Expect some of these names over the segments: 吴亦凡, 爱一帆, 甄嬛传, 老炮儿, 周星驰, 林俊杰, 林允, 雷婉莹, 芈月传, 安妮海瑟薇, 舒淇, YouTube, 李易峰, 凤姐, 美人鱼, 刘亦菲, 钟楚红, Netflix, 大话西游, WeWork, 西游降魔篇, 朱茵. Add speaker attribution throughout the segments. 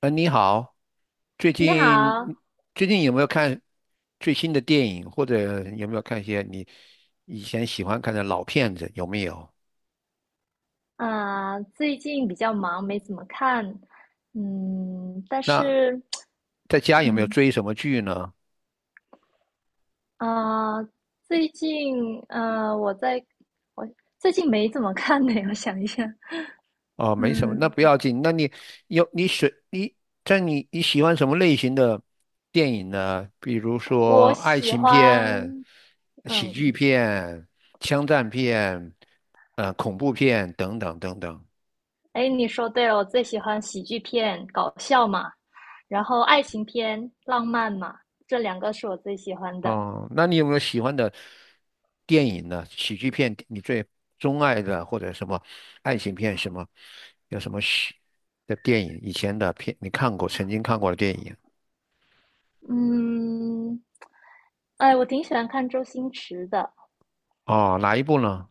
Speaker 1: 嗯，你好，最
Speaker 2: 你
Speaker 1: 近
Speaker 2: 好。
Speaker 1: 最近有没有看最新的电影，或者有没有看一些你以前喜欢看的老片子？有没有？
Speaker 2: 最近比较忙，没怎么看。嗯，但
Speaker 1: 那
Speaker 2: 是，
Speaker 1: 在家有没有
Speaker 2: 嗯，
Speaker 1: 追什么剧呢？
Speaker 2: 啊、最近，呃，我在，我最近没怎么看呢，我想一下。
Speaker 1: 哦，没什么，那
Speaker 2: 嗯，
Speaker 1: 不要紧。那你有你选，你在你你喜欢什么类型的电影呢？比如说
Speaker 2: 我
Speaker 1: 爱
Speaker 2: 喜
Speaker 1: 情片、
Speaker 2: 欢，
Speaker 1: 喜
Speaker 2: 嗯，
Speaker 1: 剧片、枪战片、恐怖片等等等等。
Speaker 2: 哎，你说对了，我最喜欢喜剧片，搞笑嘛，然后爱情片，浪漫嘛，这两个是我最喜欢的。
Speaker 1: 哦，那你有没有喜欢的电影呢？喜剧片，你最钟爱的或者什么爱情片什么，有什么喜的电影？以前的片你看过，曾经看过的电影？
Speaker 2: 嗯，哎，我挺喜欢看周星驰的。
Speaker 1: 哦，哪一部呢？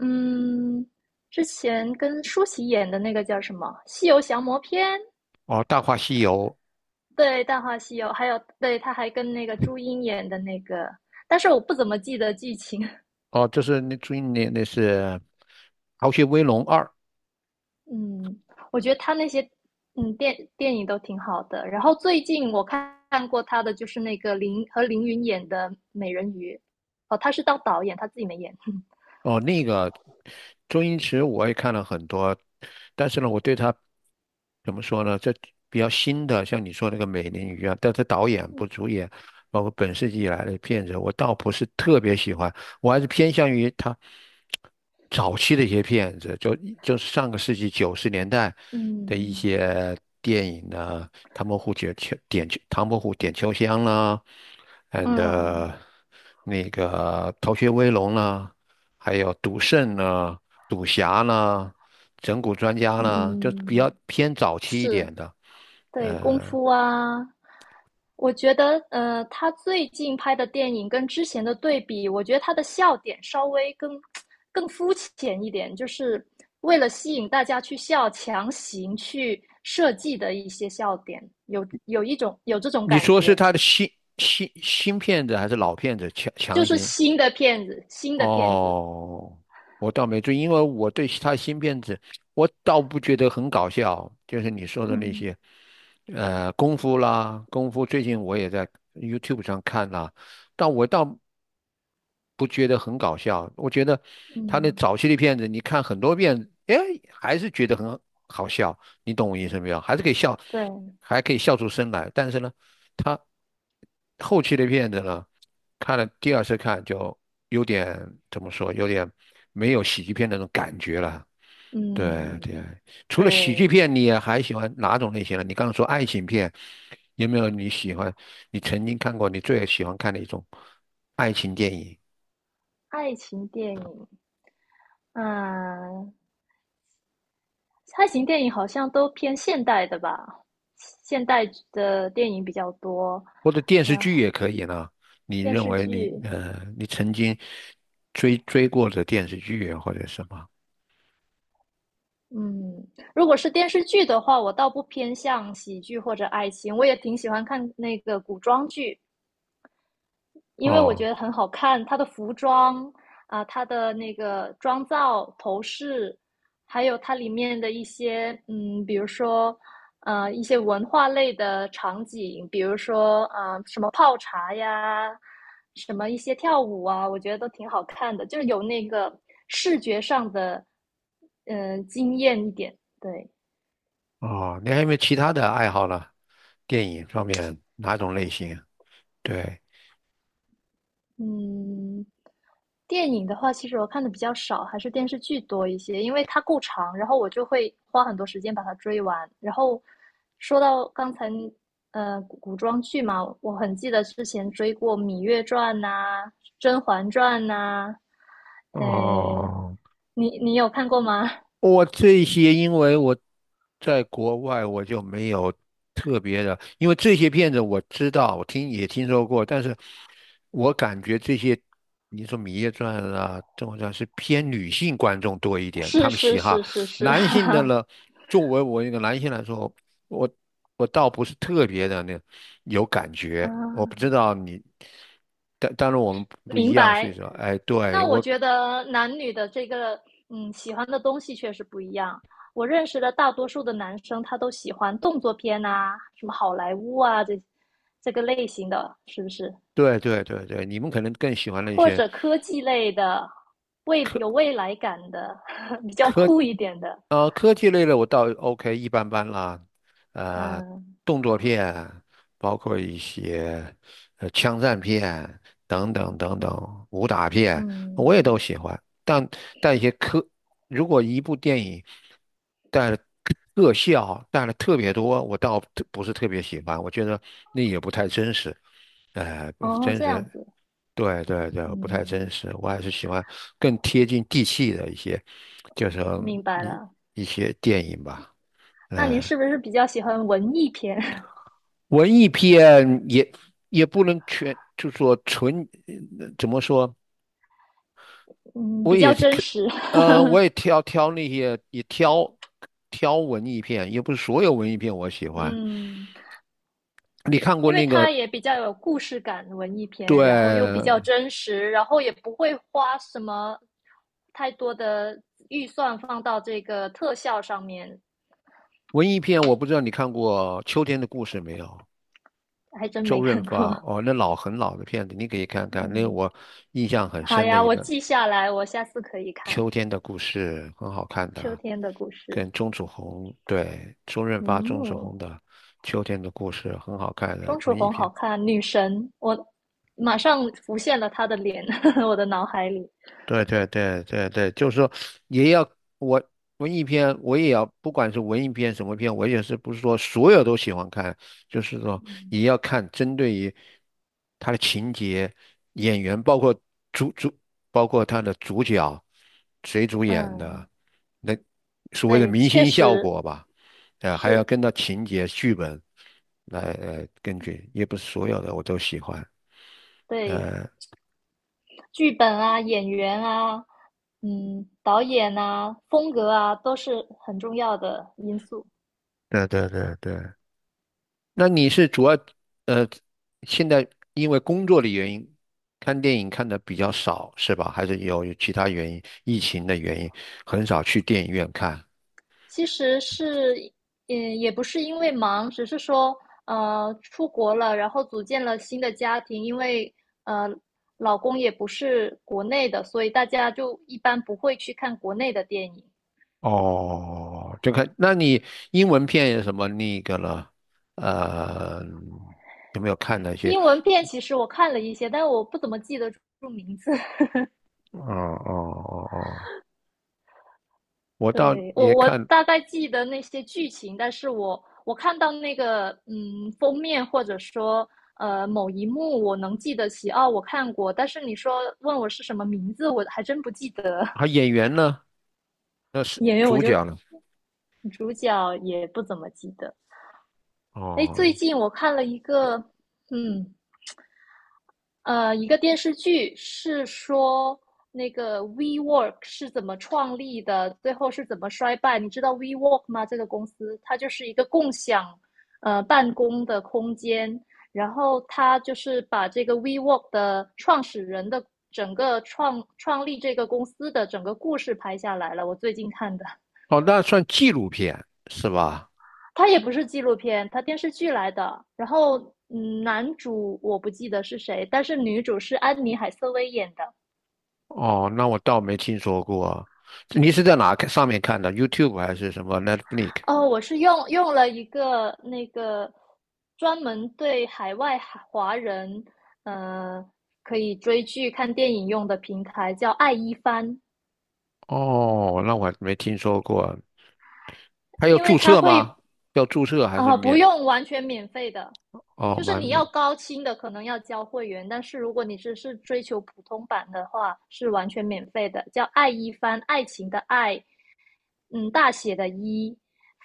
Speaker 2: 嗯，之前跟舒淇演的那个叫什么《西游降魔篇》？
Speaker 1: 哦，《大话西游》。
Speaker 2: 对，《大话西游》，还有对，他还跟那个朱茵演的那个，但是我不怎么记得剧情。
Speaker 1: 哦，就是那最那那是《逃学威龙二》。
Speaker 2: 嗯，我觉得他那些电影都挺好的。然后最近我看过他的就是那个林和林允演的《美人鱼》，哦，他是当导演，他自己没演。
Speaker 1: 哦，那个周星驰我也看了很多，但是呢，我对他怎么说呢？这比较新的，像你说那个《美人鱼》啊，但是导演不主演，包括本世纪以来的片子，我倒不是特别喜欢，我还是偏向于他早期的一些片子，就是上个世纪九十年代的一
Speaker 2: 嗯
Speaker 1: 些电影呢，《唐伯虎点秋香》啦，and
Speaker 2: 嗯
Speaker 1: 呃那个《逃学威龙》啦。还有赌圣呢、赌侠呢、整蛊专家呢，就比较
Speaker 2: 嗯，
Speaker 1: 偏早期一
Speaker 2: 是。
Speaker 1: 点的。
Speaker 2: 对，功夫啊，我觉得，他最近拍的电影跟之前的对比，我觉得他的笑点稍微更肤浅一点，就是为了吸引大家去笑，强行去设计的一些笑点，有这种
Speaker 1: 你
Speaker 2: 感
Speaker 1: 说是
Speaker 2: 觉，
Speaker 1: 他的新骗子还是老骗子强
Speaker 2: 就
Speaker 1: 强
Speaker 2: 是
Speaker 1: 行？
Speaker 2: 新的片子，新的片子。
Speaker 1: 哦，我倒没注意，因为我对他新片子，我倒不觉得很搞笑，就是你说 的那
Speaker 2: 嗯
Speaker 1: 些，功夫啦，功夫最近我也在 YouTube 上看啦，但我倒不觉得很搞笑，我觉得他那
Speaker 2: 嗯，
Speaker 1: 早期的片子，你看很多遍，哎，还是觉得很好笑，你懂我意思没有？还是可以笑，
Speaker 2: 对，
Speaker 1: 还可以笑出声来。但是呢，他后期的片子呢，看了第二次看就有点怎么说，有点没有喜剧片那种感觉了。对对，
Speaker 2: 嗯
Speaker 1: 除了喜
Speaker 2: 对。
Speaker 1: 剧片，你也还喜欢哪种类型的？你刚刚说爱情片，有没有你喜欢？你曾经看过你最喜欢看的一种爱情电影，
Speaker 2: 爱情电影，嗯，爱情电影好像都偏现代的吧，现代的电影比较多，
Speaker 1: 或者电视
Speaker 2: 然
Speaker 1: 剧
Speaker 2: 后
Speaker 1: 也可以呢？你
Speaker 2: 电
Speaker 1: 认
Speaker 2: 视
Speaker 1: 为你
Speaker 2: 剧。
Speaker 1: 呃，你曾经追过的电视剧啊或者什么？
Speaker 2: 嗯，如果是电视剧的话，我倒不偏向喜剧或者爱情，我也挺喜欢看那个古装剧，因为我觉
Speaker 1: 哦
Speaker 2: 得很好看。它的服装啊，它的那个妆造、头饰，还有它里面的一些比如说一些文化类的场景，比如说什么泡茶呀，什么一些跳舞啊，我觉得都挺好看的，就是有那个视觉上的惊艳一点，对。
Speaker 1: 哦，你还有没有其他的爱好呢？电影方面哪种类型啊？对，
Speaker 2: 嗯，电影的话，其实我看的比较少，还是电视剧多一些，因为它够长，然后我就会花很多时间把它追完。然后说到刚才，古装剧嘛，我很记得之前追过《芈月传》呐、《甄嬛传》呐。诶，
Speaker 1: 哦。
Speaker 2: 你有看过吗？
Speaker 1: 我这些，因为我在国外，我就没有特别的，因为这些片子我知道，我听也听说过，但是我感觉这些，你说《芈月传》啊，《甄嬛传》是偏女性观众多一 点，他
Speaker 2: 是
Speaker 1: 们喜
Speaker 2: 是
Speaker 1: 好
Speaker 2: 是是是，
Speaker 1: 男性的 呢，作为我一个男性来说，我我倒不是特别的那有感觉，我不知
Speaker 2: 啊，
Speaker 1: 道你，但当然我们不一
Speaker 2: 明
Speaker 1: 样，所以
Speaker 2: 白。
Speaker 1: 说，哎，对
Speaker 2: 那我
Speaker 1: 我。
Speaker 2: 觉得男女的这个，嗯，喜欢的东西确实不一样。我认识的大多数的男生，他都喜欢动作片啊，什么好莱坞啊，这个类型的，是不是？
Speaker 1: 对对对对，你们可能更喜欢那
Speaker 2: 或
Speaker 1: 些。
Speaker 2: 者科技类的，未来感的，比较
Speaker 1: 科
Speaker 2: 酷一点的。
Speaker 1: 科技类的我倒 OK 一般般啦，呃，
Speaker 2: 嗯
Speaker 1: 动作片，包括一些枪战片等等等等，武打片我也都
Speaker 2: 嗯，
Speaker 1: 喜欢。但一些如果一部电影带了特效带了特别多，我倒不是特别喜欢，我觉得那也不太真实，哎、不是
Speaker 2: 哦，
Speaker 1: 真
Speaker 2: 这
Speaker 1: 实。
Speaker 2: 样子，
Speaker 1: 对对对，不太真
Speaker 2: 嗯，
Speaker 1: 实，我还是喜欢更贴近地气的一些。就是
Speaker 2: 明白
Speaker 1: 一
Speaker 2: 了。
Speaker 1: 一些电影吧，
Speaker 2: 那您
Speaker 1: 嗯，
Speaker 2: 是不是比较喜欢文艺片？
Speaker 1: 文艺片也不能全，就说纯，怎么说？
Speaker 2: 嗯，
Speaker 1: 我
Speaker 2: 比
Speaker 1: 也
Speaker 2: 较
Speaker 1: 是
Speaker 2: 真
Speaker 1: 看，
Speaker 2: 实。
Speaker 1: 我也挑挑那些，也挑挑文艺片，也不是所有文艺片我喜 欢。
Speaker 2: 嗯
Speaker 1: 你看过
Speaker 2: 因为
Speaker 1: 那
Speaker 2: 它
Speaker 1: 个，
Speaker 2: 也比较有故事感，文艺片，然后又比
Speaker 1: 对，
Speaker 2: 较真实，然后也不会花什么太多的预算放到这个特效上面。
Speaker 1: 文艺片，我不知道你看过《秋天的故事》没有？
Speaker 2: 还真
Speaker 1: 周
Speaker 2: 没
Speaker 1: 润
Speaker 2: 看
Speaker 1: 发，
Speaker 2: 过。
Speaker 1: 哦，那很老的片子，你可以看 看，那个
Speaker 2: 嗯，
Speaker 1: 我印象很
Speaker 2: 好
Speaker 1: 深的
Speaker 2: 呀，
Speaker 1: 一
Speaker 2: 我
Speaker 1: 本。
Speaker 2: 记下来，我下次可以看
Speaker 1: 秋天的故事很好看
Speaker 2: 秋
Speaker 1: 的，
Speaker 2: 天的故事。
Speaker 1: 跟钟楚红，对，周润发、钟楚红
Speaker 2: 嗯，
Speaker 1: 的《秋天的故事》很好看的
Speaker 2: 钟楚
Speaker 1: 文艺
Speaker 2: 红好
Speaker 1: 片。
Speaker 2: 看，女神，我马上浮现了她的脸，我的脑海里。
Speaker 1: 对对对对对，就是说也要我文艺片，我也要不管是文艺片什么片，我也是不是说所有都喜欢看，就是说也要看针对于他的情节、演员，主主，包括他的主角谁主演
Speaker 2: 嗯，
Speaker 1: 的，那所谓的
Speaker 2: 对，
Speaker 1: 明
Speaker 2: 确
Speaker 1: 星效
Speaker 2: 实
Speaker 1: 果吧，啊，还要
Speaker 2: 是。
Speaker 1: 跟到情节、剧本来根据，也不是所有的我都喜欢。
Speaker 2: 对，剧本啊、演员啊、嗯、导演啊、风格啊，都是很重要的因素。
Speaker 1: 对对对对。那你是主要呃，现在因为工作的原因，看电影看的比较少是吧？还是有其他原因，疫情的原因，很少去电影院看。
Speaker 2: 其实是，嗯，也不是因为忙，只是说，呃，出国了，然后组建了新的家庭，因为呃，老公也不是国内的，所以大家就一般不会去看国内的电影。
Speaker 1: 哦，就看，那你英文片有什么那个了？呃，有没有看那些？
Speaker 2: 英文片其实我看了一些，但我不怎么记得住名字。
Speaker 1: 哦哦哦哦，我倒
Speaker 2: 对，
Speaker 1: 也
Speaker 2: 我
Speaker 1: 看，
Speaker 2: 大概记得那些剧情，但是我看到那个封面或者说某一幕，我能记得起哦，我看过。但是你说问我是什么名字，我还真不记得。
Speaker 1: 还演员呢？那是
Speaker 2: 演员，我
Speaker 1: 主
Speaker 2: 就
Speaker 1: 角呢？
Speaker 2: 主角也不怎么记得。哎，最
Speaker 1: 哦
Speaker 2: 近我看了一个，嗯，呃，一个电视剧是说那个 WeWork 是怎么创立的，最后是怎么衰败？你知道 WeWork 吗？这个公司它就是一个共享办公的空间，然后它就是把这个 WeWork 的创始人的整个创立这个公司的整个故事拍下来了。我最近看的，
Speaker 1: 哦，那算纪录片是吧？
Speaker 2: 它也不是纪录片，它电视剧来的。然后嗯，男主我不记得是谁，但是女主是安妮海瑟薇演的。
Speaker 1: 哦，那我倒没听说过啊，你是在哪看上面看的？YouTube 还是什么 Netflix？
Speaker 2: 哦，我是用了一个那个专门对海外华人，呃，可以追剧、看电影用的平台，叫爱一帆。
Speaker 1: 哦，那我没听说过。还有
Speaker 2: 因为
Speaker 1: 注
Speaker 2: 它
Speaker 1: 册
Speaker 2: 会，
Speaker 1: 吗？要注册还是
Speaker 2: 啊，不
Speaker 1: 免？
Speaker 2: 用完全免费的，
Speaker 1: 哦，
Speaker 2: 就是
Speaker 1: 蛮
Speaker 2: 你
Speaker 1: 免。
Speaker 2: 要高清的可能要交会员，但是如果你只是追求普通版的话，是完全免费的。叫爱一帆，爱情的爱，嗯，大写的一，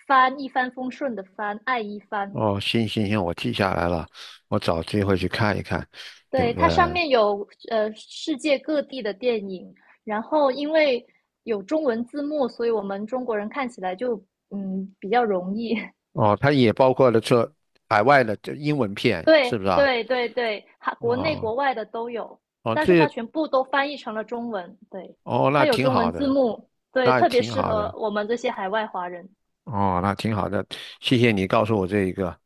Speaker 2: 帆一帆风顺的帆，爱一帆。
Speaker 1: 哦，行行行，我记下来了，我找机会去看一看。有，
Speaker 2: 对，它上面有世界各地的电影，然后因为有中文字幕，所以我们中国人看起来就比较容易。
Speaker 1: 哦，它也包括了这海外的这英文片，是
Speaker 2: 对
Speaker 1: 不是啊？
Speaker 2: 对对对，哈，国内
Speaker 1: 哦
Speaker 2: 国外的都有，
Speaker 1: 哦，
Speaker 2: 但是它全部都翻译成了中文。对，
Speaker 1: 哦，那
Speaker 2: 它有
Speaker 1: 挺
Speaker 2: 中文
Speaker 1: 好
Speaker 2: 字
Speaker 1: 的，
Speaker 2: 幕，对，
Speaker 1: 那
Speaker 2: 特别
Speaker 1: 挺
Speaker 2: 适
Speaker 1: 好
Speaker 2: 合
Speaker 1: 的。
Speaker 2: 我们这些海外华人。
Speaker 1: 哦，那挺好的，谢谢你告诉我这一个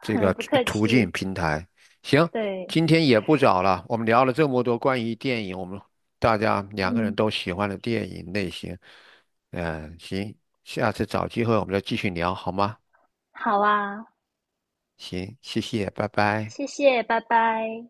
Speaker 1: 这 个
Speaker 2: 不
Speaker 1: 途
Speaker 2: 客
Speaker 1: 途径
Speaker 2: 气，
Speaker 1: 平台。行，
Speaker 2: 对，
Speaker 1: 今天也不早了，我们聊了这么多关于电影，我们大家两个人
Speaker 2: 嗯，
Speaker 1: 都喜欢的电影类型。嗯，行，下次找机会我们再继续聊好吗？
Speaker 2: 好啊，
Speaker 1: 行，谢谢，拜拜。
Speaker 2: 谢谢，拜拜。